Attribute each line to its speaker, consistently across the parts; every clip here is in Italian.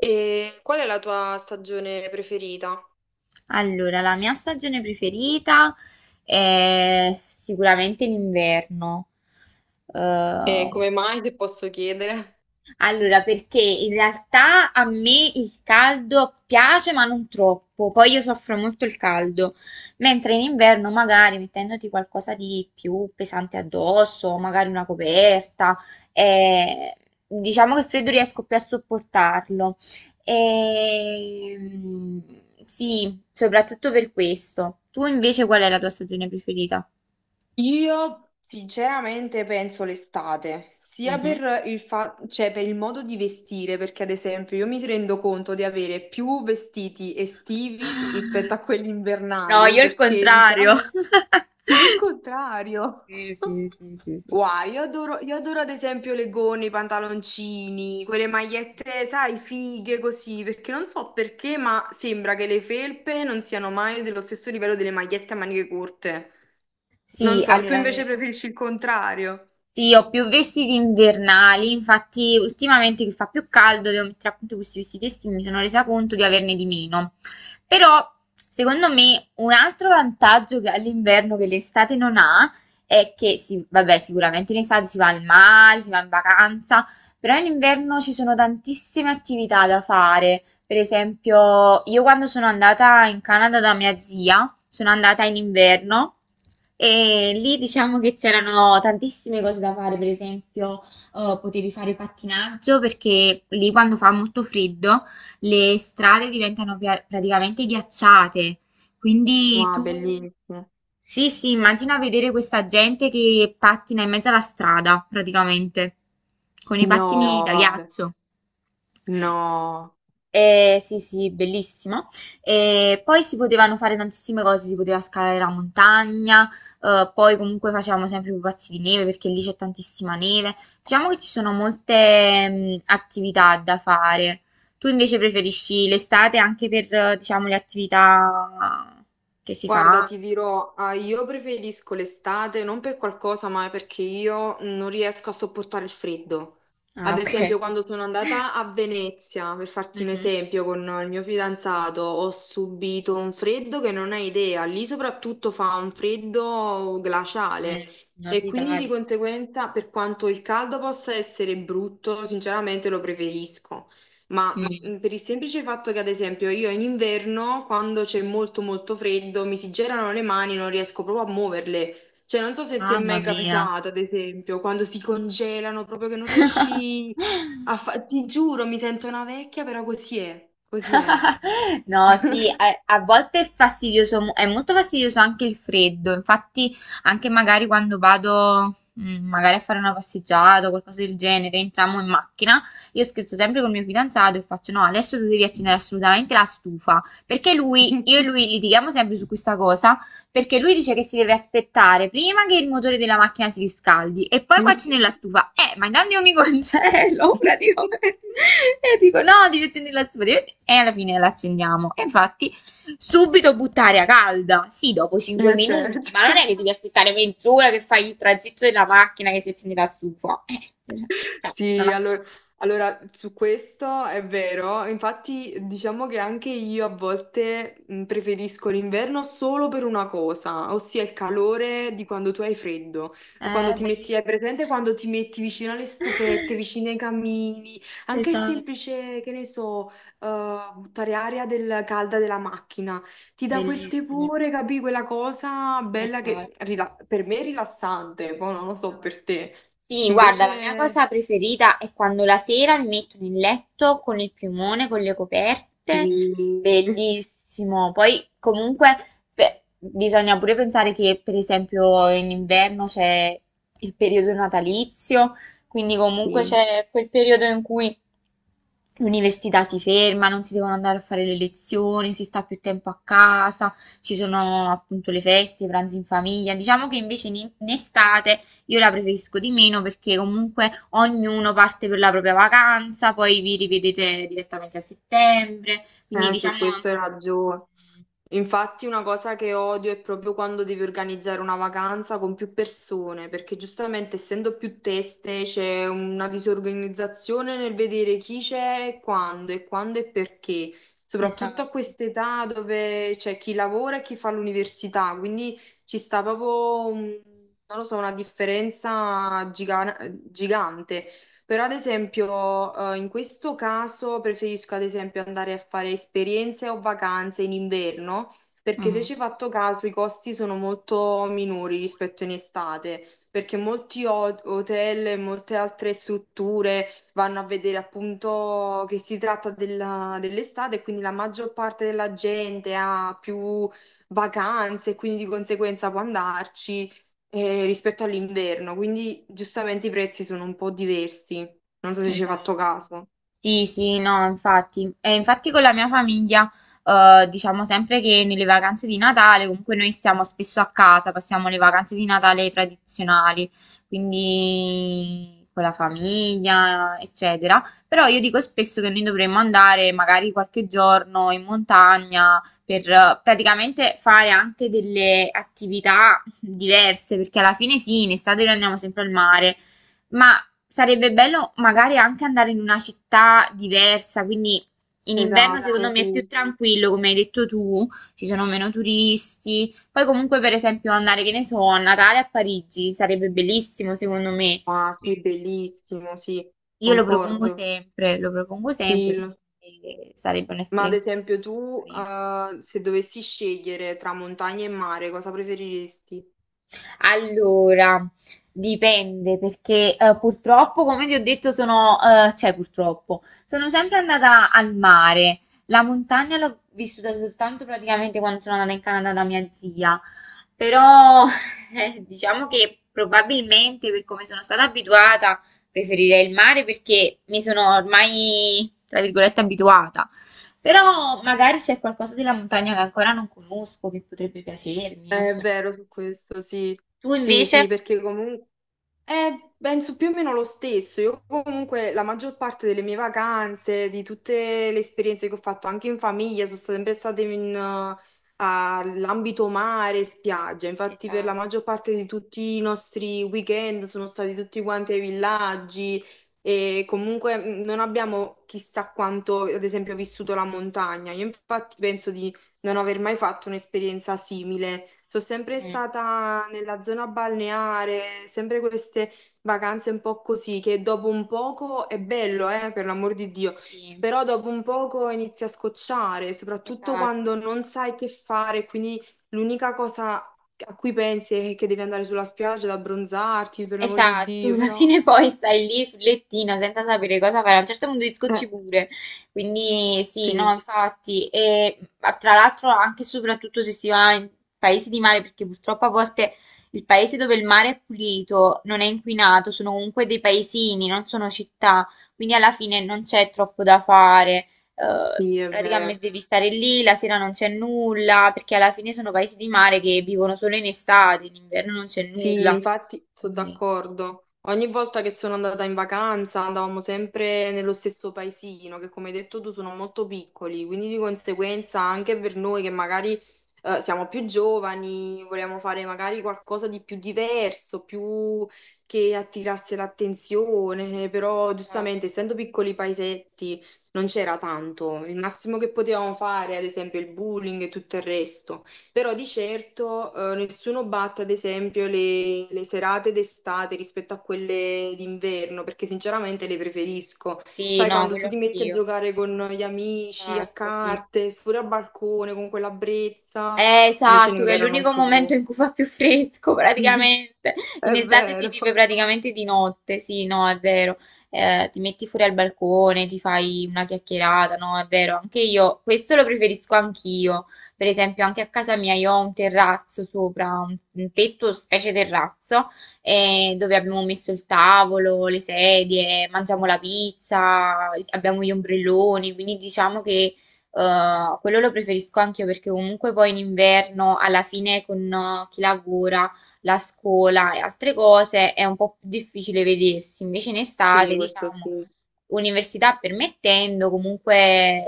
Speaker 1: E qual è la tua stagione preferita?
Speaker 2: Allora, la mia stagione preferita è sicuramente l'inverno.
Speaker 1: E
Speaker 2: Eh,
Speaker 1: come mai ti posso chiedere?
Speaker 2: perché in realtà a me il caldo piace, ma non troppo. Poi io soffro molto il caldo, mentre in inverno magari mettendoti qualcosa di più pesante addosso, magari una coperta, eh, diciamo che il freddo riesco più a sopportarlo. Ehm, sì, soprattutto per questo. Tu invece qual è la tua stagione preferita?
Speaker 1: Io sinceramente penso l'estate, sia
Speaker 2: Mhm.
Speaker 1: per il per il modo di vestire, perché ad esempio io mi rendo conto di avere più vestiti estivi rispetto a quelli
Speaker 2: No,
Speaker 1: invernali,
Speaker 2: io il
Speaker 1: perché
Speaker 2: contrario.
Speaker 1: sinceramente... Tu il contrario.
Speaker 2: Sì, sì, sì, sì, sì.
Speaker 1: Wow, io adoro ad esempio le gonne, i pantaloncini, quelle magliette, sai, fighe così, perché non so perché, ma sembra che le felpe non siano mai dello stesso livello delle magliette a maniche corte.
Speaker 2: Sì,
Speaker 1: Non so, tu invece preferisci il contrario.
Speaker 2: sì, ho più vestiti invernali, infatti ultimamente che fa più caldo devo mettere appunto questi vestiti estivi, mi sono resa conto di averne di meno. Però, secondo me, un altro vantaggio che ha l'inverno che l'estate non ha è che, sì, vabbè, sicuramente in estate si va al mare, si va in vacanza, però in inverno ci sono tantissime attività da fare. Per esempio, io quando sono andata in Canada da mia zia, sono andata in inverno e lì diciamo che c'erano tantissime cose da fare, per esempio, potevi fare pattinaggio perché lì quando fa molto freddo le strade diventano praticamente ghiacciate. Quindi
Speaker 1: Wow,
Speaker 2: tu,
Speaker 1: bellissimo.
Speaker 2: sì, sì, immagina vedere questa gente che pattina in mezzo alla strada, praticamente, con i pattini
Speaker 1: No,
Speaker 2: da
Speaker 1: vabbè.
Speaker 2: ghiaccio.
Speaker 1: No.
Speaker 2: Sì, sì, bellissimo. E poi si potevano fare tantissime cose, si poteva scalare la montagna, poi comunque facevamo sempre i pupazzi di neve perché lì c'è tantissima neve. Diciamo che ci sono molte attività da fare. Tu invece preferisci l'estate anche per, diciamo, le attività che si
Speaker 1: Guarda,
Speaker 2: fa?
Speaker 1: ti dirò, ah, io preferisco l'estate non per qualcosa, ma perché io non riesco a sopportare il freddo.
Speaker 2: Ah,
Speaker 1: Ad esempio,
Speaker 2: ok.
Speaker 1: quando sono andata a Venezia, per farti un
Speaker 2: Mhm.
Speaker 1: esempio, con il mio fidanzato, ho subito un freddo che non hai idea. Lì soprattutto fa un freddo glaciale
Speaker 2: Nord
Speaker 1: e quindi di
Speaker 2: Italia.
Speaker 1: conseguenza, per quanto il caldo possa essere brutto, sinceramente lo preferisco. Ma
Speaker 2: Mm.
Speaker 1: Per il semplice fatto che, ad esempio, io in inverno, quando c'è molto molto freddo, mi si gelano le mani, non riesco proprio a muoverle. Cioè, non so se ti è
Speaker 2: Mamma
Speaker 1: mai
Speaker 2: mia.
Speaker 1: capitato, ad esempio, quando si congelano, proprio che non riesci a fare... Ti giuro, mi sento una vecchia, però così è, così è.
Speaker 2: No, sì, a volte è fastidioso, è molto fastidioso anche il freddo. Infatti, anche magari quando vado, magari a fare una passeggiata o qualcosa del genere, entriamo in macchina, io scherzo sempre col mio fidanzato e faccio: No, adesso tu devi accendere assolutamente la stufa. Perché lui, io e lui litighiamo sempre su questa cosa. Perché lui dice che si deve aspettare prima che il motore della macchina si riscaldi e poi
Speaker 1: Sì.
Speaker 2: cuoci nella stufa. Ma intanto io mi congelo praticamente. E dico no, devi accendere la stufa. E alla fine la accendiamo. E infatti, subito buttare a calda. Sì, dopo 5 minuti,
Speaker 1: Certo.
Speaker 2: ma non è che devi aspettare mezz'ora che fai il tragitto della macchina che si accende la stufa. Cioè, non
Speaker 1: Sì,
Speaker 2: ha
Speaker 1: allora,
Speaker 2: senso.
Speaker 1: allora, su questo è vero, infatti diciamo che anche io a volte preferisco l'inverno solo per una cosa, ossia il
Speaker 2: Mhm.
Speaker 1: calore di quando tu hai freddo, quando ti metti,
Speaker 2: Bellissimo.
Speaker 1: hai presente quando ti metti vicino alle stufette, vicino ai camini, anche il
Speaker 2: Esatto,
Speaker 1: semplice, che ne so, buttare aria del, calda della macchina, ti dà quel
Speaker 2: bellissimo.
Speaker 1: tepore, capì, quella cosa bella che
Speaker 2: Esatto.
Speaker 1: per me è rilassante, poi non lo so per
Speaker 2: Esatto.
Speaker 1: te.
Speaker 2: Sì, guarda, la mia
Speaker 1: Invece...
Speaker 2: cosa preferita è quando la sera mi metto nel letto con il piumone, con le
Speaker 1: Sì,
Speaker 2: coperte, bellissimo. Poi comunque bisogna pure pensare che per esempio in inverno c'è il periodo natalizio, quindi comunque
Speaker 1: sì.
Speaker 2: c'è quel periodo in cui l'università si ferma, non si devono andare a fare le lezioni, si sta più tempo a casa, ci sono appunto le feste, i pranzi in famiglia. Diciamo che invece in estate... Io la preferisco di meno perché comunque ognuno parte per la propria vacanza, poi vi rivedete direttamente a settembre, quindi
Speaker 1: Su
Speaker 2: diciamo... è un
Speaker 1: questo hai
Speaker 2: po',
Speaker 1: ragione. Infatti una cosa che odio è proprio quando devi organizzare una vacanza con più persone, perché giustamente essendo più teste c'è una disorganizzazione nel vedere chi c'è e quando e quando e perché, soprattutto a
Speaker 2: esatto.
Speaker 1: quest'età dove c'è chi lavora e chi fa l'università, quindi ci sta proprio, non lo so, una differenza gigante. Però ad esempio, in questo caso preferisco ad esempio andare a fare esperienze o vacanze in inverno, perché se ci
Speaker 2: Mhm,
Speaker 1: hai fatto caso i costi sono molto minori rispetto in estate, perché molti hotel e molte altre strutture vanno a vedere appunto che si tratta dell'estate e quindi la maggior parte della gente ha più vacanze e quindi di conseguenza può andarci rispetto all'inverno, quindi giustamente i prezzi sono un po' diversi. Non so se ci hai fatto
Speaker 2: esatto.
Speaker 1: caso.
Speaker 2: Sì, sì, no, infatti. E infatti con la mia famiglia, diciamo sempre che nelle vacanze di Natale, comunque noi stiamo spesso a casa, passiamo le vacanze di Natale tradizionali, quindi con la famiglia, eccetera. Però io dico spesso che noi dovremmo andare magari qualche giorno in montagna per praticamente fare anche delle attività diverse, perché alla fine sì, in estate noi andiamo sempre al mare. Ma sarebbe bello magari anche andare in una città diversa, quindi in inverno secondo
Speaker 1: Esatto,
Speaker 2: me è più
Speaker 1: sì.
Speaker 2: tranquillo, come hai detto tu, ci sono meno turisti. Poi comunque per esempio andare, che ne so, a Natale a Parigi sarebbe bellissimo secondo me.
Speaker 1: Ah, sì,
Speaker 2: Quindi
Speaker 1: bellissimo, sì,
Speaker 2: io
Speaker 1: concordo.
Speaker 2: lo propongo
Speaker 1: Sì.
Speaker 2: sempre
Speaker 1: l-
Speaker 2: perché sarebbe
Speaker 1: Ma ad
Speaker 2: un'esperienza
Speaker 1: esempio tu,
Speaker 2: carina.
Speaker 1: se dovessi scegliere tra montagna e mare, cosa preferiresti?
Speaker 2: Allora, dipende perché purtroppo, come ti ho detto, sono, cioè purtroppo, sono sempre andata al mare. La montagna l'ho vissuta soltanto praticamente quando sono andata in Canada da mia zia, però diciamo che probabilmente per come sono stata abituata preferirei il mare perché mi sono ormai, tra virgolette, abituata. Però magari c'è qualcosa della montagna che ancora non conosco, che potrebbe piacermi, non
Speaker 1: È
Speaker 2: so.
Speaker 1: vero su questo, sì.
Speaker 2: Tu
Speaker 1: Sì, sì,
Speaker 2: invece?
Speaker 1: perché comunque... penso più o meno lo stesso. Io comunque la maggior parte delle mie vacanze, di tutte le esperienze che ho fatto anche in famiglia, sono state sempre state in, all'ambito mare, spiaggia. Infatti per la
Speaker 2: Esatto,
Speaker 1: maggior parte di tutti i nostri weekend sono stati tutti quanti ai villaggi e comunque non abbiamo chissà quanto, ad esempio, vissuto la montagna. Io infatti penso di non aver mai fatto un'esperienza simile. Sono sempre
Speaker 2: mm,
Speaker 1: stata nella zona balneare, sempre queste vacanze un po' così, che dopo un poco è bello, per l'amor di Dio,
Speaker 2: sì,
Speaker 1: però dopo un poco inizi a scocciare, soprattutto quando
Speaker 2: esatto,
Speaker 1: non sai che fare, quindi l'unica cosa a cui pensi è che devi andare sulla spiaggia ad abbronzarti, per l'amor di
Speaker 2: esatto,
Speaker 1: Dio,
Speaker 2: alla
Speaker 1: però...
Speaker 2: fine poi stai lì sul lettino senza sapere cosa fare, a un certo punto ti
Speaker 1: Eh,
Speaker 2: scocci pure, quindi sì, no,
Speaker 1: sì,
Speaker 2: infatti, e ma tra l'altro anche e soprattutto se si va in paesi di mare, perché purtroppo a volte il paese dove il mare è pulito, non è inquinato, sono comunque dei paesini, non sono città, quindi alla fine non c'è troppo da fare.
Speaker 1: sì, è
Speaker 2: Praticamente
Speaker 1: vero.
Speaker 2: devi stare lì, la sera non c'è nulla, perché alla fine sono paesi di mare che vivono solo in estate, in inverno non c'è
Speaker 1: Sì,
Speaker 2: nulla.
Speaker 1: infatti sono
Speaker 2: Quindi,
Speaker 1: d'accordo. Ogni volta che sono andata in vacanza andavamo sempre nello stesso paesino, che come hai detto tu sono molto piccoli, quindi di conseguenza anche per noi che magari siamo più giovani, vogliamo fare magari qualcosa di più diverso, più che attirasse l'attenzione, però giustamente
Speaker 2: esatto.
Speaker 1: essendo piccoli paesetti non c'era tanto. Il massimo che potevamo fare, ad esempio, il bullying e tutto il resto. Però di certo nessuno batte, ad esempio, le serate d'estate rispetto a quelle d'inverno, perché sinceramente le preferisco.
Speaker 2: Sì,
Speaker 1: Sai,
Speaker 2: no,
Speaker 1: quando
Speaker 2: quello
Speaker 1: tu ti metti a
Speaker 2: anch'io.
Speaker 1: giocare con gli amici, a
Speaker 2: Esatto, sì.
Speaker 1: carte, fuori al balcone, con quella brezza, invece in
Speaker 2: Esatto, che è
Speaker 1: inverno non
Speaker 2: l'unico
Speaker 1: si
Speaker 2: momento
Speaker 1: può.
Speaker 2: in cui fa più fresco praticamente. In
Speaker 1: È
Speaker 2: estate si
Speaker 1: vero.
Speaker 2: vive praticamente di notte, sì, no, è vero. Ti metti fuori al balcone, ti fai una chiacchierata, no, è vero. Anche io, questo lo preferisco anch'io. Per esempio, anche a casa mia io ho un terrazzo sopra, un tetto, specie terrazzo, dove abbiamo messo il tavolo, le sedie, mangiamo la pizza, abbiamo gli ombrelloni, quindi diciamo che quello lo preferisco anche io perché comunque poi in inverno, alla fine con chi lavora, la scuola e altre cose, è un po' più difficile vedersi. Invece in
Speaker 1: Sì,
Speaker 2: estate,
Speaker 1: questo
Speaker 2: diciamo,
Speaker 1: sì,
Speaker 2: università permettendo, comunque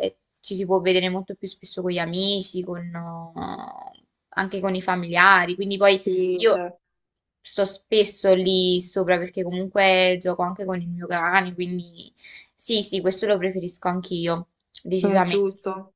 Speaker 2: ci si può vedere molto più spesso con gli amici, anche con i familiari. Quindi poi
Speaker 1: sì,
Speaker 2: io
Speaker 1: cioè,
Speaker 2: sto spesso lì sopra perché comunque gioco anche con il mio cane, quindi sì, sì, questo lo preferisco anch'io,
Speaker 1: è
Speaker 2: decisamente.
Speaker 1: giusto.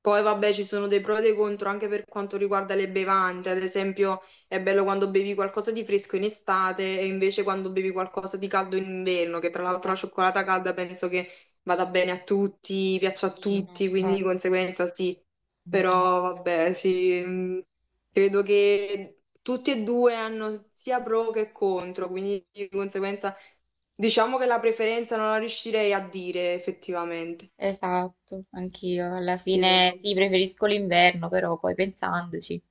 Speaker 1: Poi vabbè, ci sono dei pro e dei contro anche per quanto riguarda le bevande, ad esempio è bello quando bevi qualcosa di fresco in estate e invece quando bevi qualcosa di caldo in inverno, che tra l'altro la
Speaker 2: Esatto,
Speaker 1: cioccolata calda penso che vada bene a tutti, piaccia a
Speaker 2: sì, no,
Speaker 1: tutti, quindi di
Speaker 2: infatti,
Speaker 1: conseguenza sì, però vabbè,
Speaker 2: esatto,
Speaker 1: sì, credo che tutti e due hanno sia pro che contro, quindi di conseguenza diciamo che la preferenza non la riuscirei a dire effettivamente.
Speaker 2: esatto, anch'io, alla
Speaker 1: Sì,
Speaker 2: fine
Speaker 1: secondo
Speaker 2: sì,
Speaker 1: me.
Speaker 2: preferisco l'inverno, però poi pensandoci.